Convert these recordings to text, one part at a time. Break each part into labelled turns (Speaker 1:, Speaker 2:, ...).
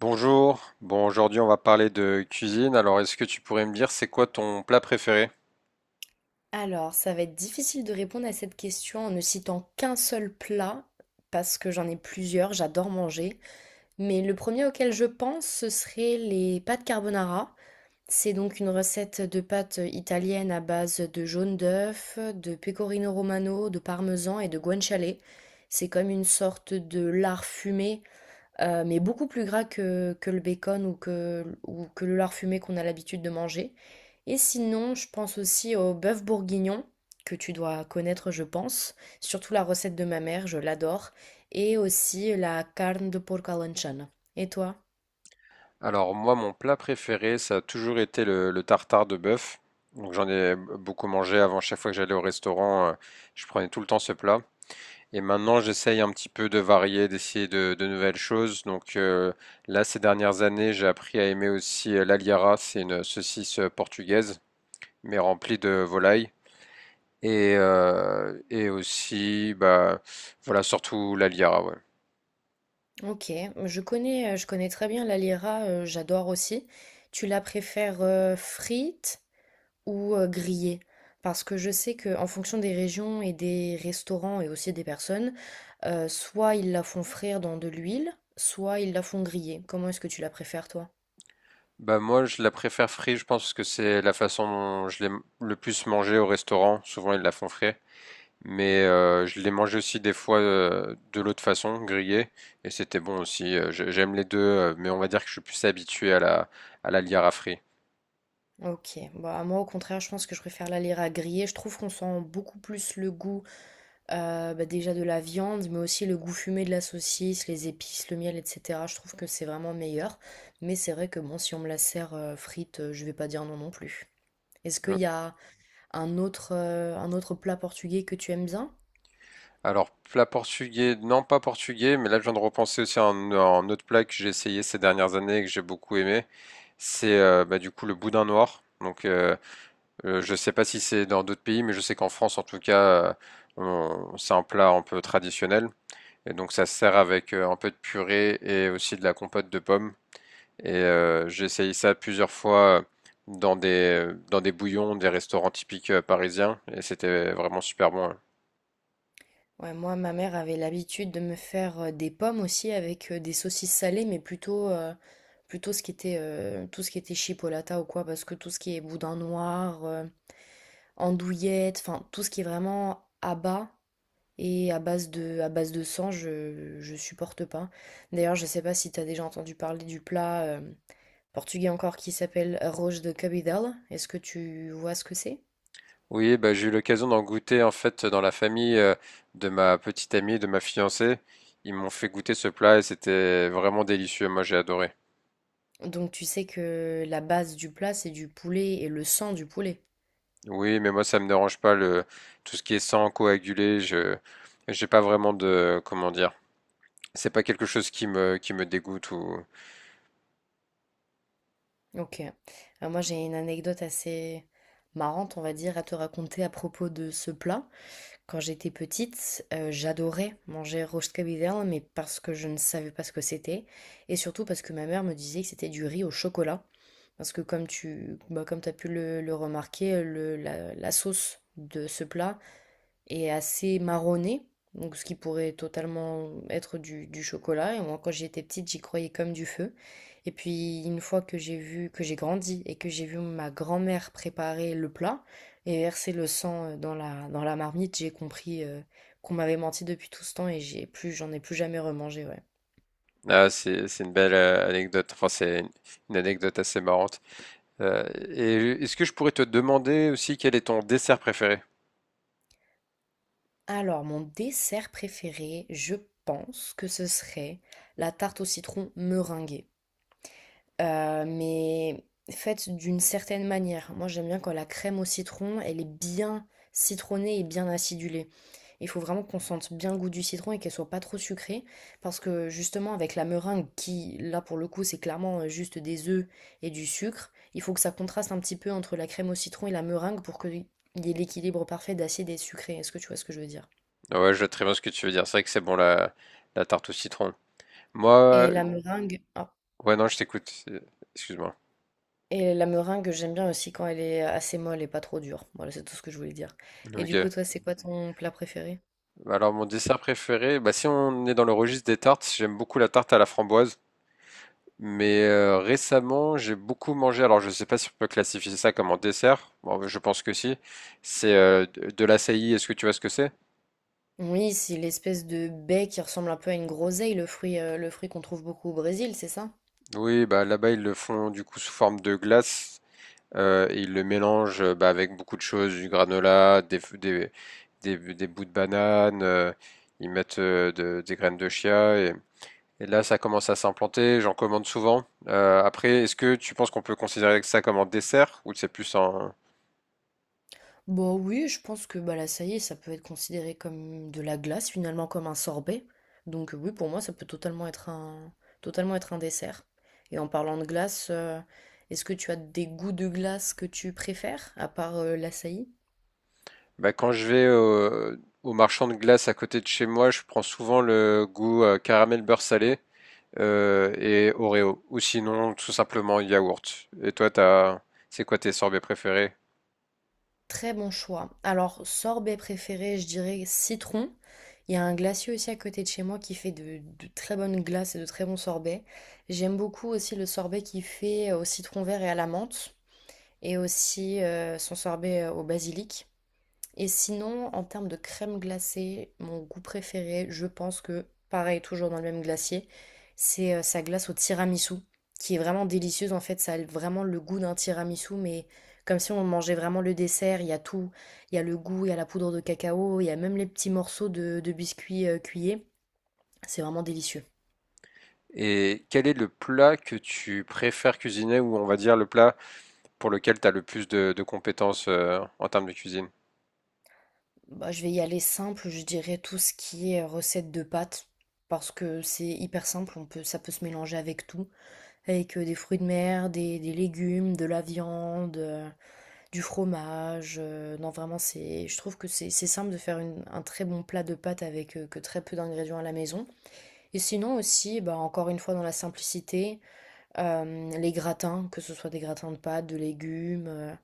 Speaker 1: Bonjour. Bon, aujourd'hui, on va parler de cuisine. Alors, est-ce que tu pourrais me dire, c'est quoi ton plat préféré?
Speaker 2: Alors, ça va être difficile de répondre à cette question en ne citant qu'un seul plat, parce que j'en ai plusieurs, j'adore manger. Mais le premier auquel je pense, ce serait les pâtes carbonara. C'est donc une recette de pâtes italiennes à base de jaune d'œuf, de pecorino romano, de parmesan et de guanciale. C'est comme une sorte de lard fumé mais beaucoup plus gras que le bacon ou que le lard fumé qu'on a l'habitude de manger et sinon, je pense aussi au bœuf bourguignon, que tu dois connaître, je pense, surtout la recette de ma mère, je l'adore et aussi la carne de porc à l'anchon. Et toi?
Speaker 1: Alors, moi, mon plat préféré, ça a toujours été le tartare de bœuf. Donc, j'en ai beaucoup mangé avant. Chaque fois que j'allais au restaurant, je prenais tout le temps ce plat. Et maintenant, j'essaye un petit peu de varier, d'essayer de nouvelles choses. Là, ces dernières années, j'ai appris à aimer aussi l'aliara. C'est une saucisse portugaise, mais remplie de volaille. Et aussi, bah, voilà, surtout la Liara, ouais.
Speaker 2: OK, je connais très bien la lira, j'adore aussi. Tu la préfères, frite? Ou grillé. Parce que je sais qu'en fonction des régions et des restaurants et aussi des personnes, soit ils la font frire dans de l'huile, soit ils la font griller. Comment est-ce que tu la préfères, toi?
Speaker 1: Bah, moi, je la préfère frite, je pense, parce que c'est la façon dont le plus mangée au restaurant. Souvent, ils la font frite. Mais je l'ai mangée aussi des fois de l'autre façon, grillée. Et c'était bon aussi. J'aime les deux, mais on va dire que je suis plus habitué à à la Liara frite.
Speaker 2: Ok, bah moi au contraire, je pense que je préfère la lire à griller. Je trouve qu'on sent beaucoup plus le goût bah, déjà de la viande, mais aussi le goût fumé de la saucisse, les épices, le miel, etc. Je trouve que c'est vraiment meilleur. Mais c'est vrai que bon, si on me la sert frite, je vais pas dire non non plus. Est-ce qu'il
Speaker 1: Euh,
Speaker 2: y a un autre plat portugais que tu aimes bien?
Speaker 1: Alors, plat portugais, non pas portugais, mais là je viens de repenser aussi à à un autre plat que j'ai essayé ces dernières années et que j'ai beaucoup aimé. C'est bah, du coup le boudin noir. Je sais pas si c'est dans d'autres pays, mais je sais qu'en France, en tout cas, c'est un plat un peu traditionnel. Et donc, ça se sert avec un peu de purée et aussi de la compote de pommes. Et j'ai essayé ça plusieurs fois dans des bouillons, des restaurants typiques parisiens, et c'était vraiment super bon, hein.
Speaker 2: Ouais, moi, ma mère avait l'habitude de me faire, des pommes aussi avec, des saucisses salées, mais plutôt, plutôt ce qui était, tout ce qui était chipolata ou quoi, parce que tout ce qui est boudin noir, andouillette, enfin tout ce qui est vraiment à bas et à base de sang, je supporte pas. D'ailleurs, je sais pas si t'as déjà entendu parler du plat, portugais encore qui s'appelle arroz de cabidela. Est-ce que tu vois ce que c'est?
Speaker 1: Oui, bah, j'ai eu l'occasion d'en goûter en fait dans la famille de ma petite amie, de ma fiancée. Ils m'ont fait goûter ce plat et c'était vraiment délicieux. Moi, j'ai adoré.
Speaker 2: Donc tu sais que la base du plat, c'est du poulet et le sang du poulet.
Speaker 1: Oui, mais moi, ça me dérange pas le tout ce qui est sang coagulé. Je j'ai pas vraiment de comment dire. C'est pas quelque chose qui me dégoûte ou
Speaker 2: Ok. Moi, j'ai une anecdote assez marrante, on va dire, à te raconter à propos de ce plat. Quand j'étais petite, j'adorais manger roast cabillaud, mais parce que je ne savais pas ce que c'était. Et surtout parce que ma mère me disait que c'était du riz au chocolat. Parce que comme tu bah, comme t'as pu le remarquer, la sauce de ce plat et assez marronné, donc ce qui pourrait totalement être du chocolat. Et moi, quand j'étais petite, j'y croyais comme du feu. Et puis, une fois que j'ai grandi et que j'ai vu ma grand-mère préparer le plat et verser le sang dans dans la marmite, j'ai compris qu'on m'avait menti depuis tout ce temps et j'en ai plus jamais remangé, ouais.
Speaker 1: ah, c'est une belle anecdote. Enfin, c'est une anecdote assez marrante. Euh, et est-ce que je pourrais te demander aussi quel est ton dessert préféré?
Speaker 2: Alors, mon dessert préféré, je pense que ce serait la tarte au citron meringuée. Mais faite d'une certaine manière. Moi, j'aime bien quand la crème au citron, elle est bien citronnée et bien acidulée. Il faut vraiment qu'on sente bien le goût du citron et qu'elle soit pas trop sucrée, parce que justement avec la meringue qui, là pour le coup, c'est clairement juste des œufs et du sucre, il faut que ça contraste un petit peu entre la crème au citron et la meringue pour qu'il y ait l'équilibre parfait d'acide et de sucré. Est-ce que tu vois ce que je veux dire?
Speaker 1: Ah, ouais, je vois très bien ce que tu veux dire. C'est vrai que c'est bon la tarte au citron.
Speaker 2: Et
Speaker 1: Moi,
Speaker 2: la meringue,
Speaker 1: ouais, non, je t'écoute. Euh, excuse-moi.
Speaker 2: Et la meringue, j'aime bien aussi quand elle est assez molle et pas trop dure. Voilà, c'est tout ce que je voulais dire. Et du coup,
Speaker 1: Ok.
Speaker 2: toi, c'est quoi ton plat préféré?
Speaker 1: Alors, mon dessert préféré, bah, si on est dans le registre des tartes, j'aime beaucoup la tarte à la framboise. Mais récemment, j'ai beaucoup mangé. Alors, je ne sais pas si on peut classifier ça comme un dessert. Bon, bah, je pense que si. C'est de l'açaï. Est-ce que tu vois ce que c'est?
Speaker 2: Oui, c'est l'espèce de baie qui ressemble un peu à une groseille, le fruit qu'on trouve beaucoup au Brésil, c'est ça?
Speaker 1: Oui, bah là-bas ils le font du coup sous forme de glace et ils le mélangent bah, avec beaucoup de choses, du granola, des, f- des bouts de banane, ils mettent des graines de chia. Et là, ça commence à s'implanter, j'en commande souvent. Après, est-ce que tu penses qu'on peut considérer ça comme un dessert ou c'est plus un...
Speaker 2: Bon, oui, je pense que bah là, ça y est, ça peut être considéré comme de la glace, finalement comme un sorbet. Donc oui, pour moi, ça peut totalement être totalement être un dessert. Et en parlant de glace, est-ce que tu as des goûts de glace que tu préfères, à part l'açaï?
Speaker 1: Bah, quand je vais au marchand de glace à côté de chez moi, je prends souvent le goût caramel beurre salé et Oreo. Ou sinon, tout simplement yaourt. Et toi, t'as... c'est quoi tes sorbets préférés?
Speaker 2: Très bon choix. Alors, sorbet préféré, je dirais citron. Il y a un glacier aussi à côté de chez moi qui fait de très bonnes glaces et de très bons sorbets. J'aime beaucoup aussi le sorbet qu'il fait au citron vert et à la menthe. Et aussi son sorbet au basilic. Et sinon, en termes de crème glacée, mon goût préféré, je pense que, pareil, toujours dans le même glacier, c'est sa glace au tiramisu, qui est vraiment délicieuse. En fait, ça a vraiment le goût d'un tiramisu, mais comme si on mangeait vraiment le dessert. Il y a tout. Il y a le goût, il y a la poudre de cacao, il y a même les petits morceaux de biscuits cuillés. C'est vraiment délicieux.
Speaker 1: Et quel est le plat que tu préfères cuisiner ou on va dire le plat pour lequel tu as le plus de compétences en termes de cuisine?
Speaker 2: Bah, je vais y aller simple, je dirais tout ce qui est recette de pâtes, parce que c'est hyper simple, ça peut se mélanger avec tout, avec des fruits de mer, des légumes, de la viande, du fromage. Non, vraiment, je trouve que c'est simple de faire un très bon plat de pâtes avec que très peu d'ingrédients à la maison. Et sinon aussi, bah, encore une fois, dans la simplicité, les gratins, que ce soit des gratins de pâtes, de légumes,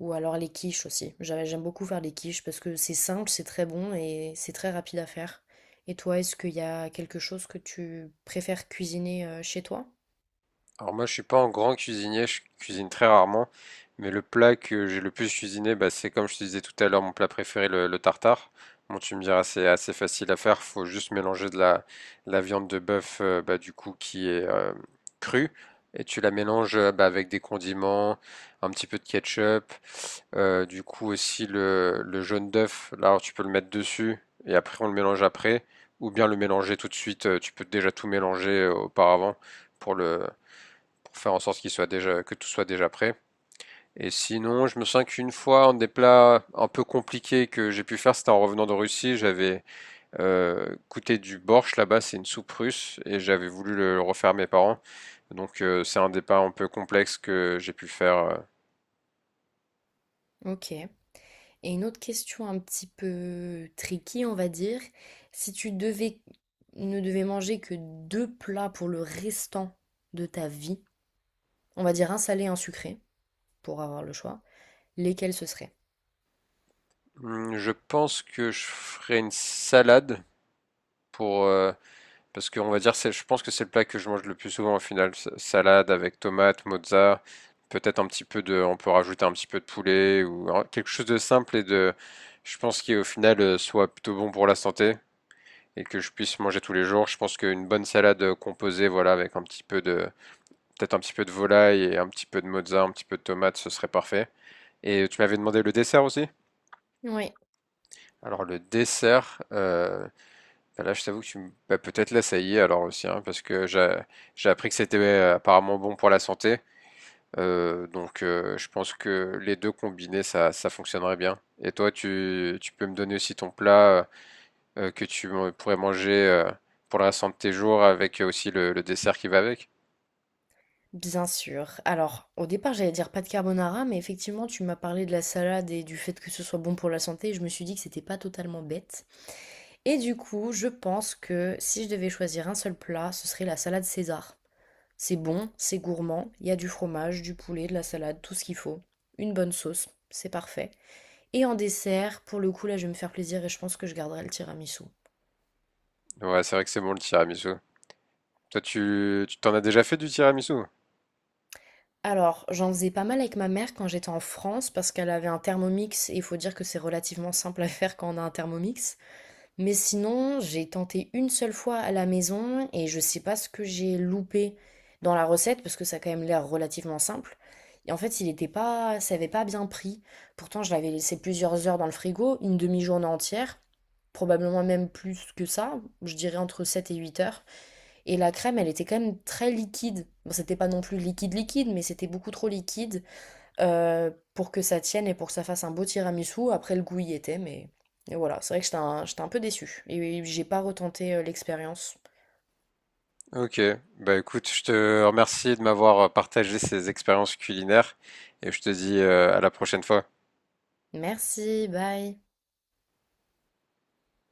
Speaker 2: ou alors les quiches aussi. J'aime beaucoup faire les quiches parce que c'est simple, c'est très bon et c'est très rapide à faire. Et toi, est-ce qu'il y a quelque chose que tu préfères cuisiner chez toi?
Speaker 1: Alors moi, je suis pas un grand cuisinier, je cuisine très rarement, mais le plat que j'ai le plus cuisiné, bah, c'est comme je te disais tout à l'heure, mon plat préféré, le tartare. Bon, tu me diras, c'est assez facile à faire, faut juste mélanger de de la viande de bœuf, bah, du coup, qui est crue, et tu la mélanges bah, avec des condiments, un petit peu de ketchup, du coup aussi le jaune d'œuf, là, alors, tu peux le mettre dessus, et après on le mélange après, ou bien le mélanger tout de suite, tu peux déjà tout mélanger auparavant pour le pour faire en sorte qu'il soit déjà, que tout soit déjà prêt. Et sinon, je me souviens qu'une fois, un des plats un peu compliqués que j'ai pu faire, c'était en revenant de Russie. J'avais goûté du borsch là-bas, c'est une soupe russe, et j'avais voulu le refaire à mes parents. Donc c'est un des plats un peu complexe que j'ai pu faire.
Speaker 2: Ok. Et une autre question un petit peu tricky, on va dire, si tu devais ne devais manger que deux plats pour le restant de ta vie, on va dire un salé et un sucré pour avoir le choix, lesquels ce seraient?
Speaker 1: Je pense que je ferai une salade pour parce qu'on va dire, c'est, je pense que c'est le plat que je mange le plus souvent au final. Salade avec tomate, mozza, peut-être un petit peu de, on peut rajouter un petit peu de poulet ou quelque chose de simple et de, je pense qui au final soit plutôt bon pour la santé et que je puisse manger tous les jours. Je pense qu'une bonne salade composée, voilà, avec un petit peu de, peut-être un petit peu de volaille et un petit peu de mozza, un petit peu de tomate, ce serait parfait. Et tu m'avais demandé le dessert aussi?
Speaker 2: Oui,
Speaker 1: Alors le dessert, bah là, je t'avoue que tu me... bah, peut-être là, ça y est, alors aussi, hein, parce que j'ai appris que c'était apparemment bon pour la santé. Je pense que les deux combinés, ça fonctionnerait bien. Et toi, tu peux me donner aussi ton plat que tu pourrais manger pour le restant de tes jours, avec aussi le dessert qui va avec.
Speaker 2: bien sûr. Alors, au départ, j'allais dire pas de carbonara, mais effectivement, tu m'as parlé de la salade et du fait que ce soit bon pour la santé, et je me suis dit que c'était pas totalement bête. Et du coup, je pense que si je devais choisir un seul plat, ce serait la salade César. C'est bon, c'est gourmand, il y a du fromage, du poulet, de la salade, tout ce qu'il faut. Une bonne sauce, c'est parfait. Et en dessert, pour le coup, là, je vais me faire plaisir et je pense que je garderai le tiramisu.
Speaker 1: Ouais, c'est vrai que c'est bon le tiramisu. Toi, tu t'en as déjà fait du tiramisu?
Speaker 2: Alors, j'en faisais pas mal avec ma mère quand j'étais en France parce qu'elle avait un Thermomix et il faut dire que c'est relativement simple à faire quand on a un Thermomix. Mais sinon, j'ai tenté une seule fois à la maison et je sais pas ce que j'ai loupé dans la recette parce que ça a quand même l'air relativement simple. Et en fait, il était pas, ça avait pas bien pris. Pourtant, je l'avais laissé plusieurs heures dans le frigo, une demi-journée entière, probablement même plus que ça, je dirais entre 7 et 8 heures. Et la crème, elle était quand même très liquide. Bon, c'était pas non plus liquide liquide, mais c'était beaucoup trop liquide pour que ça tienne et pour que ça fasse un beau tiramisu. Après, le goût y était, et voilà, c'est vrai que j'étais un peu déçue. Et j'ai pas retenté l'expérience.
Speaker 1: Ok, bah écoute, je te remercie de m'avoir partagé ces expériences culinaires et je te dis à la prochaine fois.
Speaker 2: Merci, bye.